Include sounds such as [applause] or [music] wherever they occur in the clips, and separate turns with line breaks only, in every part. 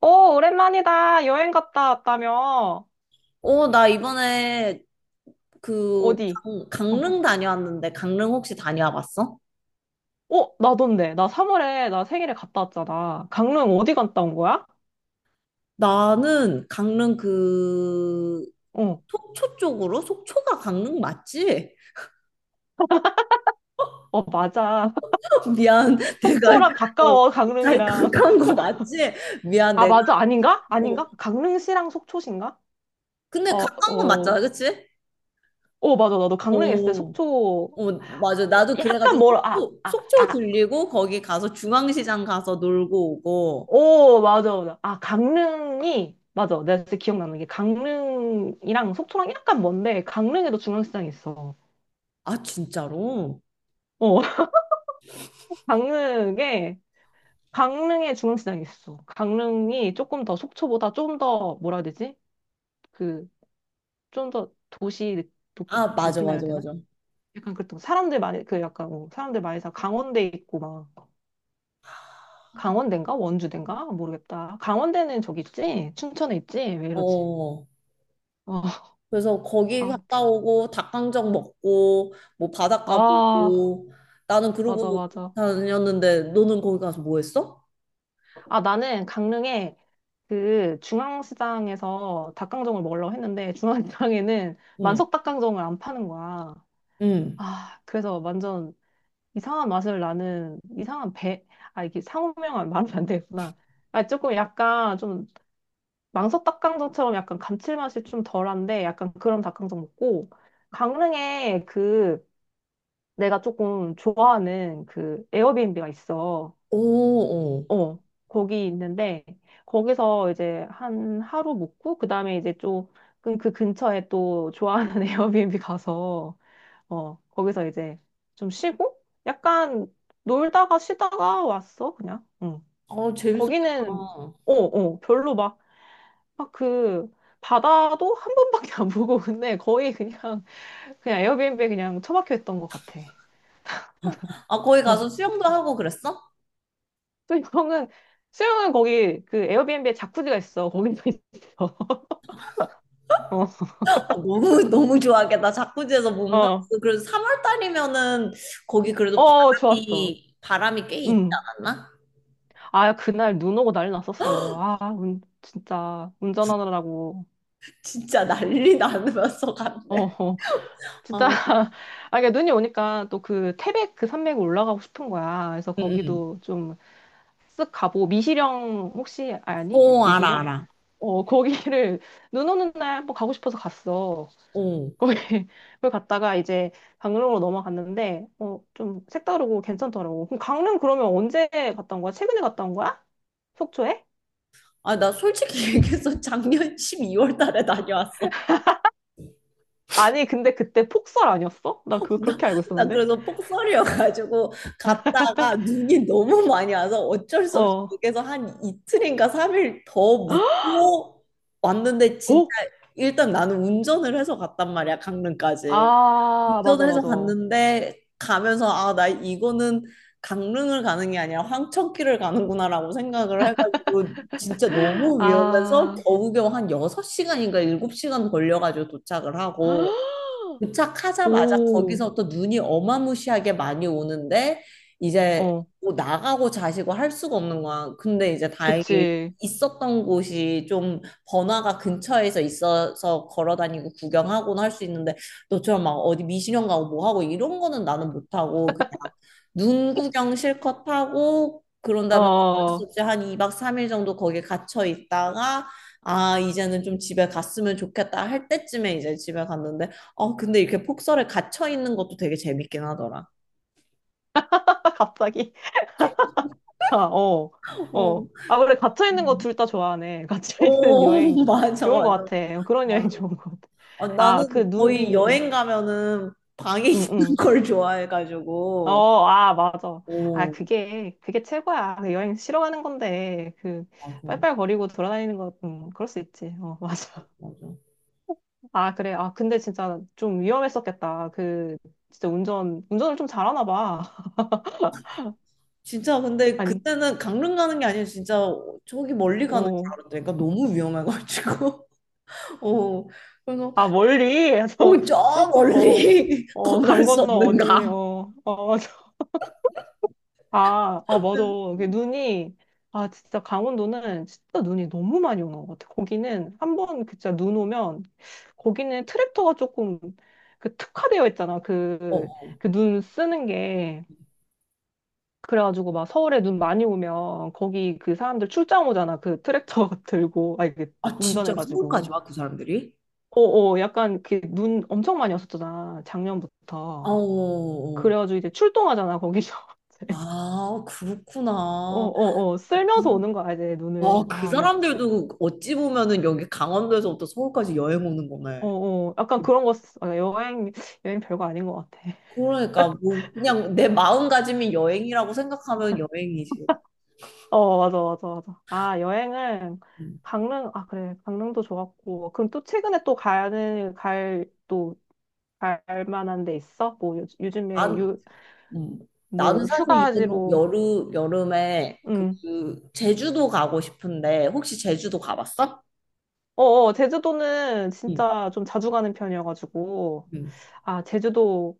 오, 오랜만이다. 여행 갔다 왔다며.
어, 나 이번에 그
어디?
강,
어,
강릉 다녀왔는데 강릉 혹시 다녀와 봤어?
나던데. 나 3월에 나 생일에 갔다 왔잖아. 강릉 어디 갔다 온 거야?
나는 강릉 그
어,
속초 쪽으로 속초가 강릉 맞지?
맞아. [laughs]
[laughs] 미안 내가
속초랑
어,
가까워, 강릉이랑.
가까운
[laughs]
거 맞지? 미안
아,
내가
맞아. 아닌가?
어,
아닌가? 강릉시랑 속초신가?
근데
어,
가까운 건
어,
맞잖아 그치?
맞아. 나도 강릉에 있을 때
어,
속초,
어 맞아
어,
나도
약간
그래가지고
멀어.
속초
아.
들리고 거기 가서 중앙시장 가서 놀고 오고
오, 맞아, 맞아. 아, 강릉이, 맞아. 내가 진짜 기억나는 게 강릉이랑 속초랑 약간 먼데, 강릉에도 중앙시장이 있어.
아 진짜로?
어. 강릉에, 강릉에 중앙시장이 있어. 강릉이 조금 더 속초보다 좀 더, 뭐라 해야 되지? 그, 좀 더 도시 도-
아 맞아
느낌이라 해야
맞아
되나?
맞아
약간 그랬던, 거. 사람들 많이, 그 약간, 뭐 사람들 많이 사, 강원대 있고 막, 강원대인가? 원주대인가? 모르겠다. 강원대는 저기 있지? 춘천에 있지? 왜 이러지?
어.
어,
그래서 거기
아,
갔다 오고 닭강정 먹고 뭐 바닷가
아,
보고 나는
맞아,
그러고
맞아.
다녔는데 너는 거기 가서 뭐 했어?
아, 나는 강릉에 그 중앙시장에서 닭강정을 먹으려고 했는데, 중앙시장에는
응.
만석 닭강정을 안 파는 거야.
응.
아, 그래서 완전 이상한 맛을 나는 이상한 배, 아, 이게 상호명은 말하면 안 되겠구나. 아, 조금 약간 좀 망석 닭강정처럼 약간 감칠맛이 좀 덜한데 약간 그런 닭강정 먹고 강릉에 그 내가 조금 좋아하는 그 에어비앤비가 있어.
오, 어.
어, 거기 있는데 거기서 이제 한 하루 묵고 그다음에 이제 좀그 근처에 또 좋아하는 [laughs] 에어비앤비 가서 어, 거기서 이제 좀 쉬고? 약간 놀다가 쉬다가 왔어, 그냥. 응.
아, 재밌었겠다.
거기는, 별로 막, 막 그, 바다도 한 번밖에 안 보고, [laughs] 근데 거의 그냥, 그냥 에어비앤비에 그냥 처박혀 있던 것 같아.
아, 거기 가서
[laughs]
수영도 하고 그랬어?
수영은, 수영은 거기 그 에어비앤비에 자쿠지가 있어. 거기서 있어. [laughs] 어,
아, 너무 [laughs] 너무 좋아하겠다. 자쿠지에서
어,
몸담고 그래서 3월 달이면은 거기 그래도
좋았어.
바람이 꽤 있지
응.
않았나?
아, 그날 눈 오고 난리 났었어. 아, 운, 진짜, 운전하느라고.
진짜 난리 나면서
어,
갔네.
어. 진짜
어.
[laughs] 아 그러니까 눈이 오니까 또 그 태백 그 산맥 올라가고 싶은 거야. 그래서
응, 응.
거기도 좀 쓱 가보고 미시령 혹시 아니?
오 알아,
미시령?
알아.
어 [laughs] 거기를 눈 오는 날 한번 가고 싶어서 갔어.
어.
거기 [laughs] 그걸 갔다가 이제 강릉으로 넘어갔는데 어 좀 색다르고 괜찮더라고. 그럼 강릉 그러면 언제 갔다 온 거야? 최근에 갔다 온 거야? 속초에?
아, 나 솔직히 [laughs] 얘기해서 작년 12월 달에 다녀왔어.
아니 근데 그때 폭설 아니었어? 나 그거
[laughs] 나,
그렇게 알고
나
있었는데.
그래서 폭설이어가지고 갔다가 눈이 너무 많이 와서 어쩔 수 없이
어.
거기서 한 이틀인가 삼일더
[gasps]
묵고 왔는데 진짜
어?
일단 나는 운전을 해서 갔단 말이야, 강릉까지.
아 맞아
운전을 해서
맞아.
갔는데 가면서 아, 나 이거는 강릉을 가는 게 아니라 황천길을 가는구나라고 생각을 해가지고 진짜
[gasps]
너무 위험해서
아.
겨우겨우 한 6시간인가 7시간 걸려가지고 도착을 하고
[gasps]
도착하자마자
오,
거기서 또 눈이 어마무시하게 많이 오는데 이제
어,
뭐 나가고 자시고 할 수가 없는 거야. 근데 이제 다행히
그치.
있었던 곳이 좀 번화가 근처에서 있어서 걸어 다니고 구경하고는 할 수 있는데 너처럼 막 어디 미신형 가고 뭐 하고 이런 거는 나는 못 하고 그냥 눈 구경 실컷 하고 그런 다음에 어쩔 수
어, [laughs]
없이 한 2박 3일 정도 거기에 갇혀 있다가 아 이제는 좀 집에 갔으면 좋겠다 할 때쯤에 이제 집에 갔는데 어, 근데 이렇게 폭설에 갇혀 있는 것도 되게 재밌긴 하더라.
갑자기. 아, 어,
어,
아, 그래, 갇혀있는 거
음.
둘 다 좋아하네. [laughs] 갇혀있는
오, [laughs]
여행
맞아,
좋은
맞아,
것 같아. 그런 여행 [laughs]
맞아.
좋은 것 같아.
어,
아, 그
나는 거의
눈이,
여행 가면은 방에 [laughs]
응,
있는
응.
걸 좋아해가지고.
어, 아, 맞아.
오,
그게 최고야. 그 여행 싫어하는 건데, 그,
맞아,
빨빨거리고 돌아다니는 거, 그럴 수 있지. 어, [laughs] 맞아.
맞아.
아, 그래. 아, 근데 진짜 좀 위험했었겠다. 그, 진짜 운전을 좀 잘하나 봐. [laughs]
진짜 근데
아니,
그때는 강릉 가는 게 아니라 진짜 저기 멀리 가는 줄
어,
알았다니까 너무 위험해가지고. [laughs] 어, 그래서
아, 멀리? 해서
오,
[laughs]
저
조금,
멀리 [laughs] 건널
강
수
건너 어디,
없는가.
[laughs] 맞아. 맞아. 이게 눈이, 아, 진짜 강원도는 진짜 눈이 너무 많이 오는 것 같아. 거기는 한 번 진짜 눈 오면, 거기는 트랙터가 조금 그 특화되어 있잖아. 그,
어,
그 눈 쓰는 게. 그래가지고 막 서울에 눈 많이 오면 거기 그 사람들 출장 오잖아. 그 트랙터 [laughs] 들고, 아, 이게
아 진짜 서울까지
운전해가지고.
와 그 사람들이?
어어 약간 그 눈 엄청 많이 왔었잖아
어, 어,
작년부터
어.
그래가지고 이제 출동하잖아 거기서 [laughs] 이제
아, 그렇구나.
어어어 쓸면서 오는 거야 이제
와,
눈을
그
아 근데 진
사람들도 어찌 보면은 여기 강원도에서부터 서울까지 여행 오는 거네.
어어 약간 그런 거 아, 여행 여행 별거 아닌 것 같아 [laughs]
그러니까 뭐 그냥 내 마음가짐이 여행이라고 생각하면 여행이지.
어 맞아 아 여행은
음.
강릉 아 그래 강릉도 좋았고 그럼 또 최근에 또 가는 갈또 갈 만한 데 있어 뭐 요, 즘에
난,
유
음. 나는
뭐
사실 이번
휴가지로
여름에
응.
그 제주도 가고 싶은데 혹시 제주도 가봤어?
제주도는
응.
진짜 좀 자주 가는 편이어가지고.
응.
아, 제주도,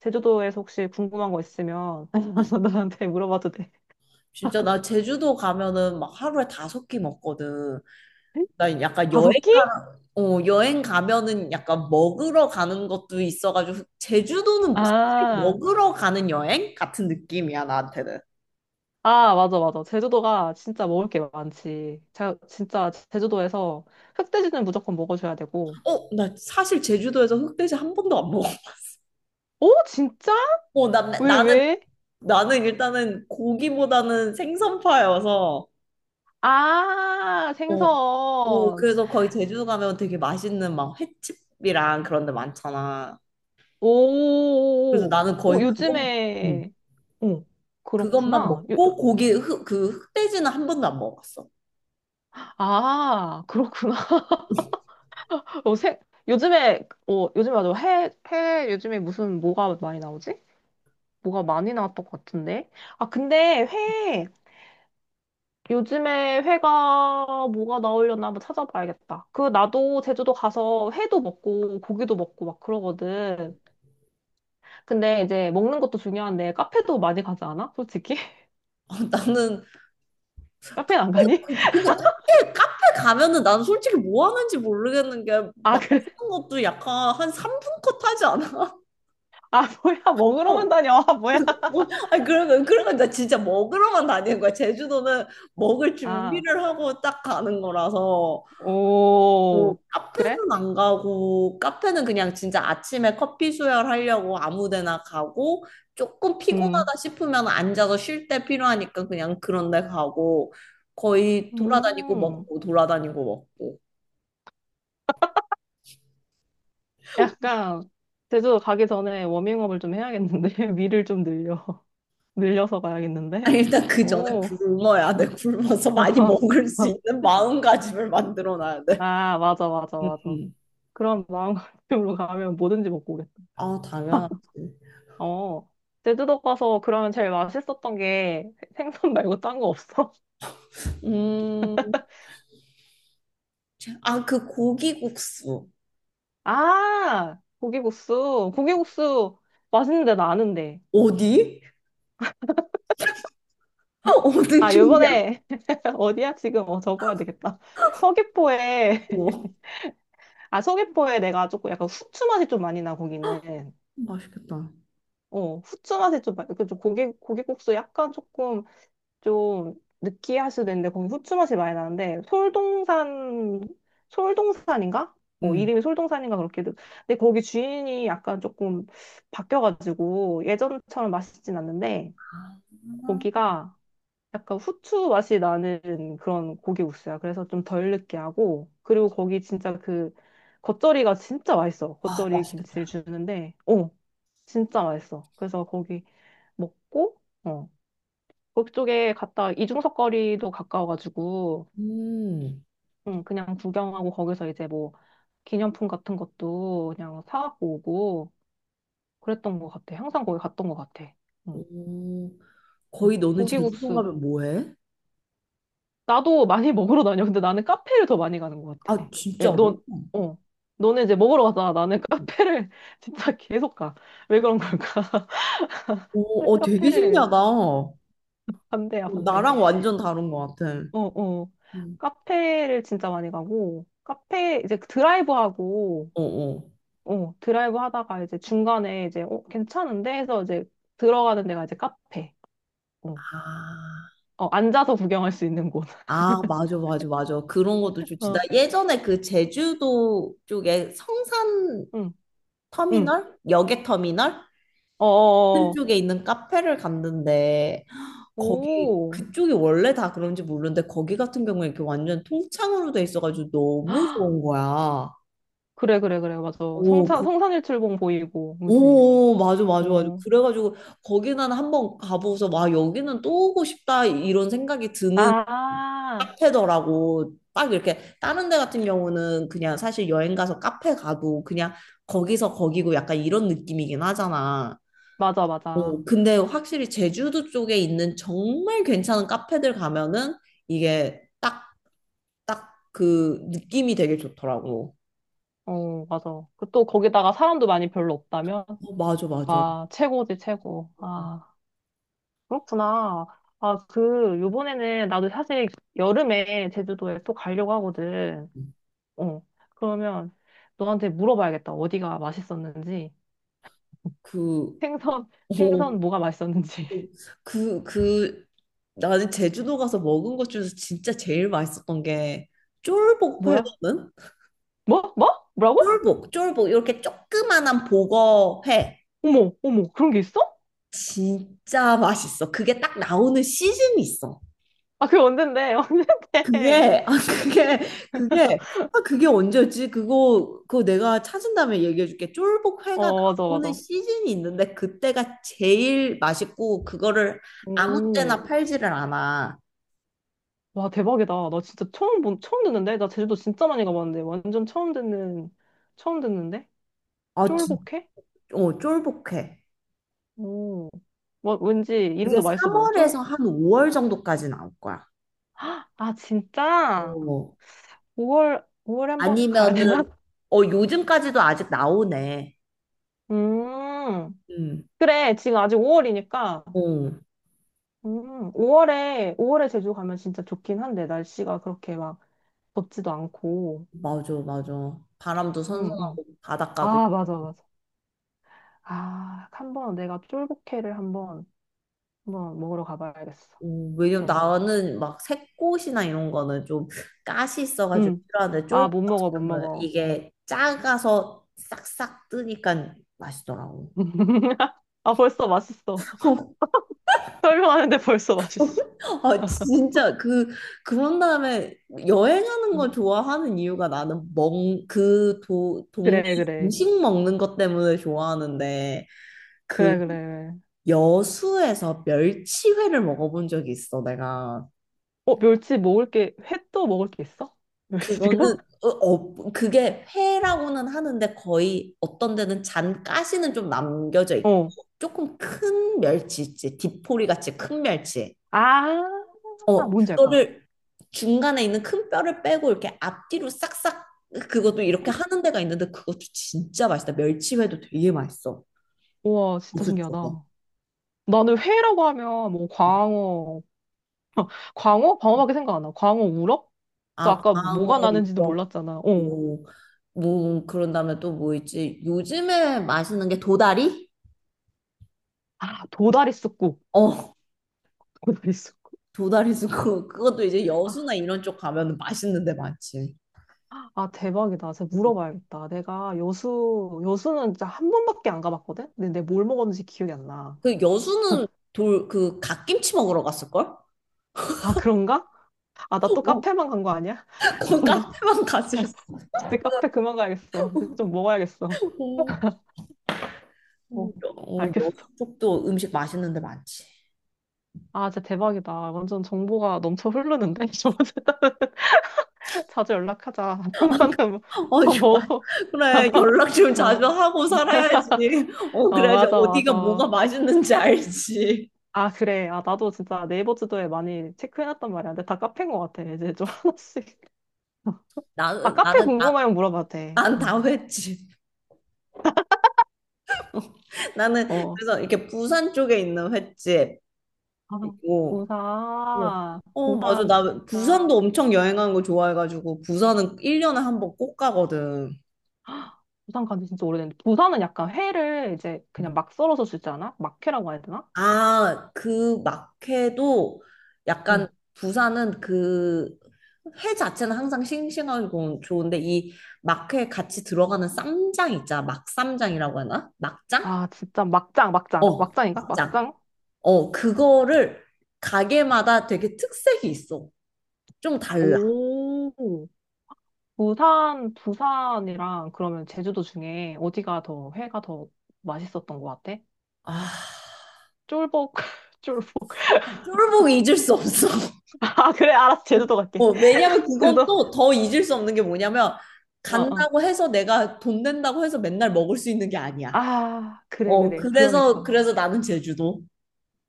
제주도에서 혹시 궁금한 거 있으면 [laughs] 나한테 물어봐도 돼.
진짜 나 제주도 가면은 막 하루에 다섯 끼 먹거든. 나 약간
다섯끼?
어, 여행 가면은 약간 먹으러 가는 것도 있어가지고 제주도는 사실
아,
먹으러 가는 여행 같은 느낌이야 나한테는.
맞아, 맞아. 제주도가 진짜 먹을 게 많지. 자, 진짜 제주도에서 흑돼지는 무조건 먹어줘야 되고.
어, 나 사실 제주도에서 흑돼지 한 번도 안 먹어.
오, 진짜?
어, 난
왜,
나는
왜?
나는 일단은 고기보다는 생선파여서
아,
어, 어,
생선.
그래서 거의 제주도 가면 되게 맛있는 막 횟집이랑 그런 데 많잖아. 그래서
오,
나는 거의 음,
요즘에, 오,
그것만
그렇구나. 요-
먹고 고기 흑, 그 흑돼지는 한 번도 안 먹어봤어. [laughs]
아, 그렇구나. 어, 세, 요즘에, 어, 요즘에 맞아. 해, 해, 요즘에 무슨, 뭐가 많이 나오지? 뭐가 많이 나왔던 것 같은데. 아, 근데 회, 요즘에 회가 뭐가 나오려나 한번 찾아봐야겠다. 그, 나도 제주도 가서 회도 먹고, 고기도 먹고 막 그러거든. 근데 이제 먹는 것도 중요한데, 카페도 많이 가지 않아? 솔직히? [laughs]
어, 나는
카페는 안 가니?
근데 카페 가면은 난 솔직히 뭐 하는지 모르겠는 게
아, 그래?
맛있는 것도 약간 한 3분컷 하지 않아?
아, 뭐야.
[laughs] 어.
먹으러만 다녀. [laughs] 아, 뭐야.
뭐, 아니 그러면 나 진짜 먹으러만 다니는 거야. 제주도는 먹을
아,
준비를 하고 딱 가는 거라서 뭐
오, 그래?
카페는 안 가고 카페는 그냥 진짜 아침에 커피 수혈하려고 아무 데나 가고 조금
음.
피곤하다 싶으면 앉아서 쉴 때 필요하니까 그냥 그런 데 가고 거의 돌아다니고
음.
먹고 돌아다니고 먹고
약간 제주도 가기 전에 워밍업을 좀 해야겠는데 [laughs] 위를 좀 늘려 [laughs] 늘려서 가야겠는데
아니, 일단 그 전에
오
굶어야 돼. 굶어서 많이 먹을 수
[laughs]
있는 마음가짐을 만들어 놔야 돼.
아
응,
맞아
응.
그런 마음가짐으로 가면 뭐든지 먹고 오겠다
아, 당연하지.
[laughs] 어 제주도 가서 그러면 제일 맛있었던 게 생선 말고 딴 거 없어?
음, 아, 그 고기국수.
[laughs] 아 고기국수 맛있는데 나 아는데
어디? [laughs] 어디
아
쪽이야?
요번에 [laughs] 어디야 지금 어 적어야 되겠다 서귀포에
오,
아, 서귀포에 내가 조금 약간 후추 맛이 좀 많이 나, 거기는.
맛있겠다.
어, 후추 맛이 좀, 많이 그좀 고기, 고기국수 약간 조금 좀 느끼할 수도 있는데, 거기 후추 맛이 많이 나는데, 솔동산인가? 어,
응.
이름이 솔동산인가 그렇게. 돼. 근데 거기 주인이 약간 조금 바뀌어가지고, 예전처럼 맛있진 않는데,
아,
고기가 약간 후추 맛이 나는 그런 고기 국수야. 그래서 좀 덜 느끼하고 그리고 거기 진짜 그 겉절이가 진짜 맛있어.
아,
겉절이 김치를
맛있겠다.
주는데, 어, 진짜 맛있어. 그래서 거기 먹고, 어, 그쪽에 갔다 이중석 거리도 가까워가지고,
음.
응, 그냥 구경하고 거기서 이제 뭐 기념품 같은 것도 그냥 사갖고 오고 그랬던 것 같아. 항상 거기 갔던 것 같아. 응.
오,
응.
거의 너는 제주도
고기국수
가면 뭐 해?
나도 많이 [laughs] 먹으러 다녀. 근데 나는 카페를 더 많이 가는 것 같아.
아,
예,
진짜로?
넌, 어. 너는 이제 먹으러 가잖아. 나는 카페를 [laughs] 진짜 계속 가. 왜 그런 걸까?
오,
[laughs]
어, 되게
카페를
신기하다. 어,
반대야, 반대.
나랑 완전 다른 것 같아.
어, 어.
음.
카페를 진짜 많이 가고, 카페 이제 드라이브 하고,
어, 어.
어, 드라이브 하다가 이제 중간에 이제, 어, 괜찮은데? 해서 이제 들어가는 데가 이제 카페. 어,
아,
앉아서 구경할 수 있는 곳.
아, 맞아, 맞아, 맞아. 그런 것도
[laughs]
좋지. 나
어,
예전에 그 제주도 쪽에 성산
응, 응.
터미널? 여객 터미널?
어.
그쪽에 있는 카페를 갔는데, 거기,
오.
그쪽이 원래 다 그런지 모르는데, 거기 같은 경우에 이렇게 완전 통창으로 돼 있어가지고 너무
[gasps]
좋은 거야.
그래, 맞아.
오,
성산일출봉 보이고, 그지?
오, 맞아, 맞아, 맞아.
어.
그래가지고 거기는 한번 가보고서 와, 여기는 또 오고 싶다 이런 생각이 드는
아,
카페더라고. 딱 이렇게 다른 데 같은 경우는 그냥 사실 여행 가서 카페 가도 그냥 거기서 거기고 약간 이런 느낌이긴 하잖아.
맞아.
어, 근데 확실히 제주도 쪽에 있는 정말 괜찮은 카페들 가면은 이게 딱, 딱 그 느낌이 되게 좋더라고.
어, 맞아. 그 또 거기다가 사람도 많이 별로 없다면?
어, 맞아, 맞아.
와, 최고지, 최고. 아, 그렇구나. 아, 그, 요번에는 나도 사실 여름에 제주도에 또 가려고 하거든. 어, 그러면 너한테 물어봐야겠다. 어디가 맛있었는지.
그,
생선,
어,
생선 뭐가 맛있었는지. [laughs]
그, 그, 나는 제주도 가서 먹은 것 중에서 진짜 제일 맛있었던 게 쫄복
뭐야?
회거든?
뭐라고?
쫄복, 이렇게 조그만한 복어회.
어머, 그런 게 있어?
진짜 맛있어. 그게 딱 나오는 시즌이 있어.
아, 그게 언젠데, [laughs] 언젠데.
그게, 아, 그게, 그게, 그게 언제였지? 그거 내가 찾은 다음에 얘기해줄게. 쫄복회가
어, 맞아,
나오는
맞아.
시즌이 있는데, 그때가 제일 맛있고, 그거를 아무
오,
때나 팔지를 않아.
와, 대박이다. 나 진짜 처음 듣는데? 나 제주도 진짜 많이 가봤는데. 완전 처음 듣는데?
아, 진,
쫄복해?
어, 쫄복회.
오, 뭐, 왠지
그게
이름도 맛있어 보여. 쫄,
3월에서 한 5월 정도까지 나올 거야.
아, 진짜?
어.
5월에 한번 가야
아니면은
되나? [laughs]
어 요즘까지도 아직 나오네.
음,
음.
그래. 지금 아직 5월이니까.
어.
5월에 제주 가면 진짜 좋긴 한데, 날씨가 그렇게 막 덥지도 않고.
맞아, 맞아. 바람도
응, 응.
선선하고 바닷가도 있고.
아, 맞아, 맞아. 아, 한번 내가 쫄복회를 한번 먹으러 가봐야겠어.
어, 왜냐면
응.
나는 막 새꽃이나 이런 거는 좀 가시 있어가지고
응.
필요한데
아,
쫄보 같은
못
경우는
먹어.
이게 작아서 싹싹 뜨니까 맛있더라고.
[laughs] 아, 벌써 맛있어. [laughs] 설명하는데 벌써 맛있어.
[laughs] 아, 진짜 그런 다음에 여행하는 걸
응.
좋아하는 이유가 나는 멍 그 도 동네
그래, 그래.
음식 먹는 것 때문에 좋아하는데 그
그래, 그래. 그래.
여수에서 멸치회를 먹어본 적이 있어 내가
어, 멸치 먹을 게, 횟도 먹을 게 있어? 멸치가?
그거는 어, 어, 그게 회라고는 하는데 거의 어떤 데는 잔 가시는 좀 남겨져
[laughs]
있고
어.
조금 큰 멸치 있지 디포리 같이 큰 멸치
아,
어,
뭔지 알 것 같아.
그거를 중간에 있는 큰 뼈를 빼고 이렇게 앞뒤로 싹싹 그것도 이렇게 하는 데가 있는데 그것도 진짜 맛있다. 멸치회도 되게 맛있어.
우와, 진짜
고수 쪽에.
신기하다. 나는 회라고 하면 뭐 광어, [laughs] 광어? 광어밖에 생각 안 나. 광어 우럭? 또
아,
아까 뭐가
광어,
나는지도
우럭,
몰랐잖아. 어.
뭐, 뭐 그런 다음에 또 뭐 있지? 요즘에 맛있는 게 도다리?
아, 도다리 쑥국.
어,
도다리 쑥국.
도다리 도고 [laughs] 그것도 이제 여수나
아,
이런 쪽 가면 맛있는 데 많지.
대박이다. 제가 물어봐야겠다. 내가 여수는 진짜 한 번밖에 안 가봤거든? 근데 내가 뭘 먹었는지 기억이 안 나.
그 여수는 돌 그 갓김치 먹으러 갔을걸?
아, 그런가? 아, 나 또
어,
카페만 간 거 아니야?
[laughs]
[laughs]
그
저는
카페만 갔을 수.
진짜 카페 그만 가야겠어. 이제 좀 먹어야겠어.
어,
어,
어,
알겠어.
여수 쪽도 음식 맛있는 데 많지.
아, 진짜 대박이다. 완전 정보가 넘쳐 흐르는데? [laughs] 저번에 자주 연락하자. [laughs] 한번은 뭐,
어,
뭐
좋아.
먹어.
그래, 연락
[laughs]
좀 자주
어,
하고 살아야지. 어, 그래야지 어디가
맞아.
뭐가 맛있는지 알지.
아, 그래. 아, 나도 진짜 네이버 지도에 많이 체크해놨단 말이야. 근데 다 카페인 것 같아. 이제 좀 [laughs] 하나씩.
나,
아, 카페
나는, 나,
궁금하면 물어봐도 돼. 응.
난다 횟집. 나는,
어.
그래서 이렇게 부산 쪽에 있는 횟집
아,
있고, 어,
부산.
어, 맞아.
부산
나
진짜.
부산도 엄청 여행하는 거 좋아해가지고, 부산은 1년에 한 번 꼭 가거든.
부산 간지 진짜 오래됐는데. 부산은 약간 회를 이제 그냥 막 썰어서 주지 않아? 막회라고 해야 되나?
아, 그 막회도
응.
약간 부산은 그 회 자체는 항상 싱싱하고 좋은데 이 막회에 같이 들어가는 쌈장 있잖아. 막쌈장이라고 하나? 막장?
아, 진짜 막장.
어,
막장인가?
막장.
막장?
어, 그거를 가게마다 되게 특색이 있어. 좀 달라.
오. 부산이랑 그러면 제주도 중에 어디가 더 회가 더 맛있었던 것 같아?
아,
쫄복, [laughs] 쫄복.
쫄보기 잊을 수 없어.
아, 그래, 알았어.
[laughs]
제주도 갈게.
어, 왜냐면
[laughs]
그건
제주도?
또 더 잊을 수 없는 게 뭐냐면
어, 어.
간다고 해서 내가 돈 낸다고 해서 맨날 먹을 수 있는 게 아니야. 어,
그래. 그러니까.
그래서 나는 제주도.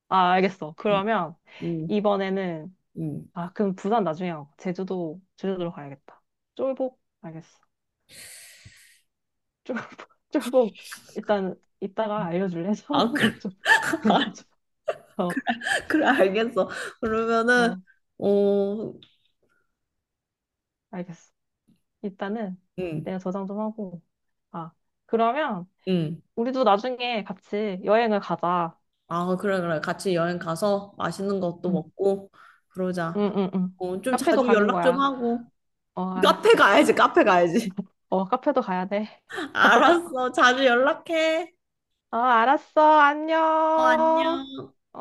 아, 알겠어.
음,
그러면
음,
이번에는,
음.
아, 그럼 부산 나중에 하고. 제주도로 가야겠다. 쫄복? 알겠어. 쫄복, [laughs] 쫄복. 일단, 이따가 알려줄래? [laughs]
아, 그래,
상호명 좀 알려줘.
[laughs]
어,
그래, 알겠어. 그러면은,
어,
어,
알겠어. 일단은
음,
내가 저장 좀 하고. 아, 그러면
음.
우리도 나중에 같이 여행을 가자.
아, 그래, 그래. 같이 여행 가서 맛있는 것도
응,
먹고, 그러자.
응.
어, 좀
카페도
자주
가는
연락 좀
거야.
하고.
어,
카페
알았어.
가야지, 카페 가야지.
어, 카페도 가야 돼.
[laughs] 알았어. 자주 연락해.
어, 알았어.
어,
안녕.
안녕.
어.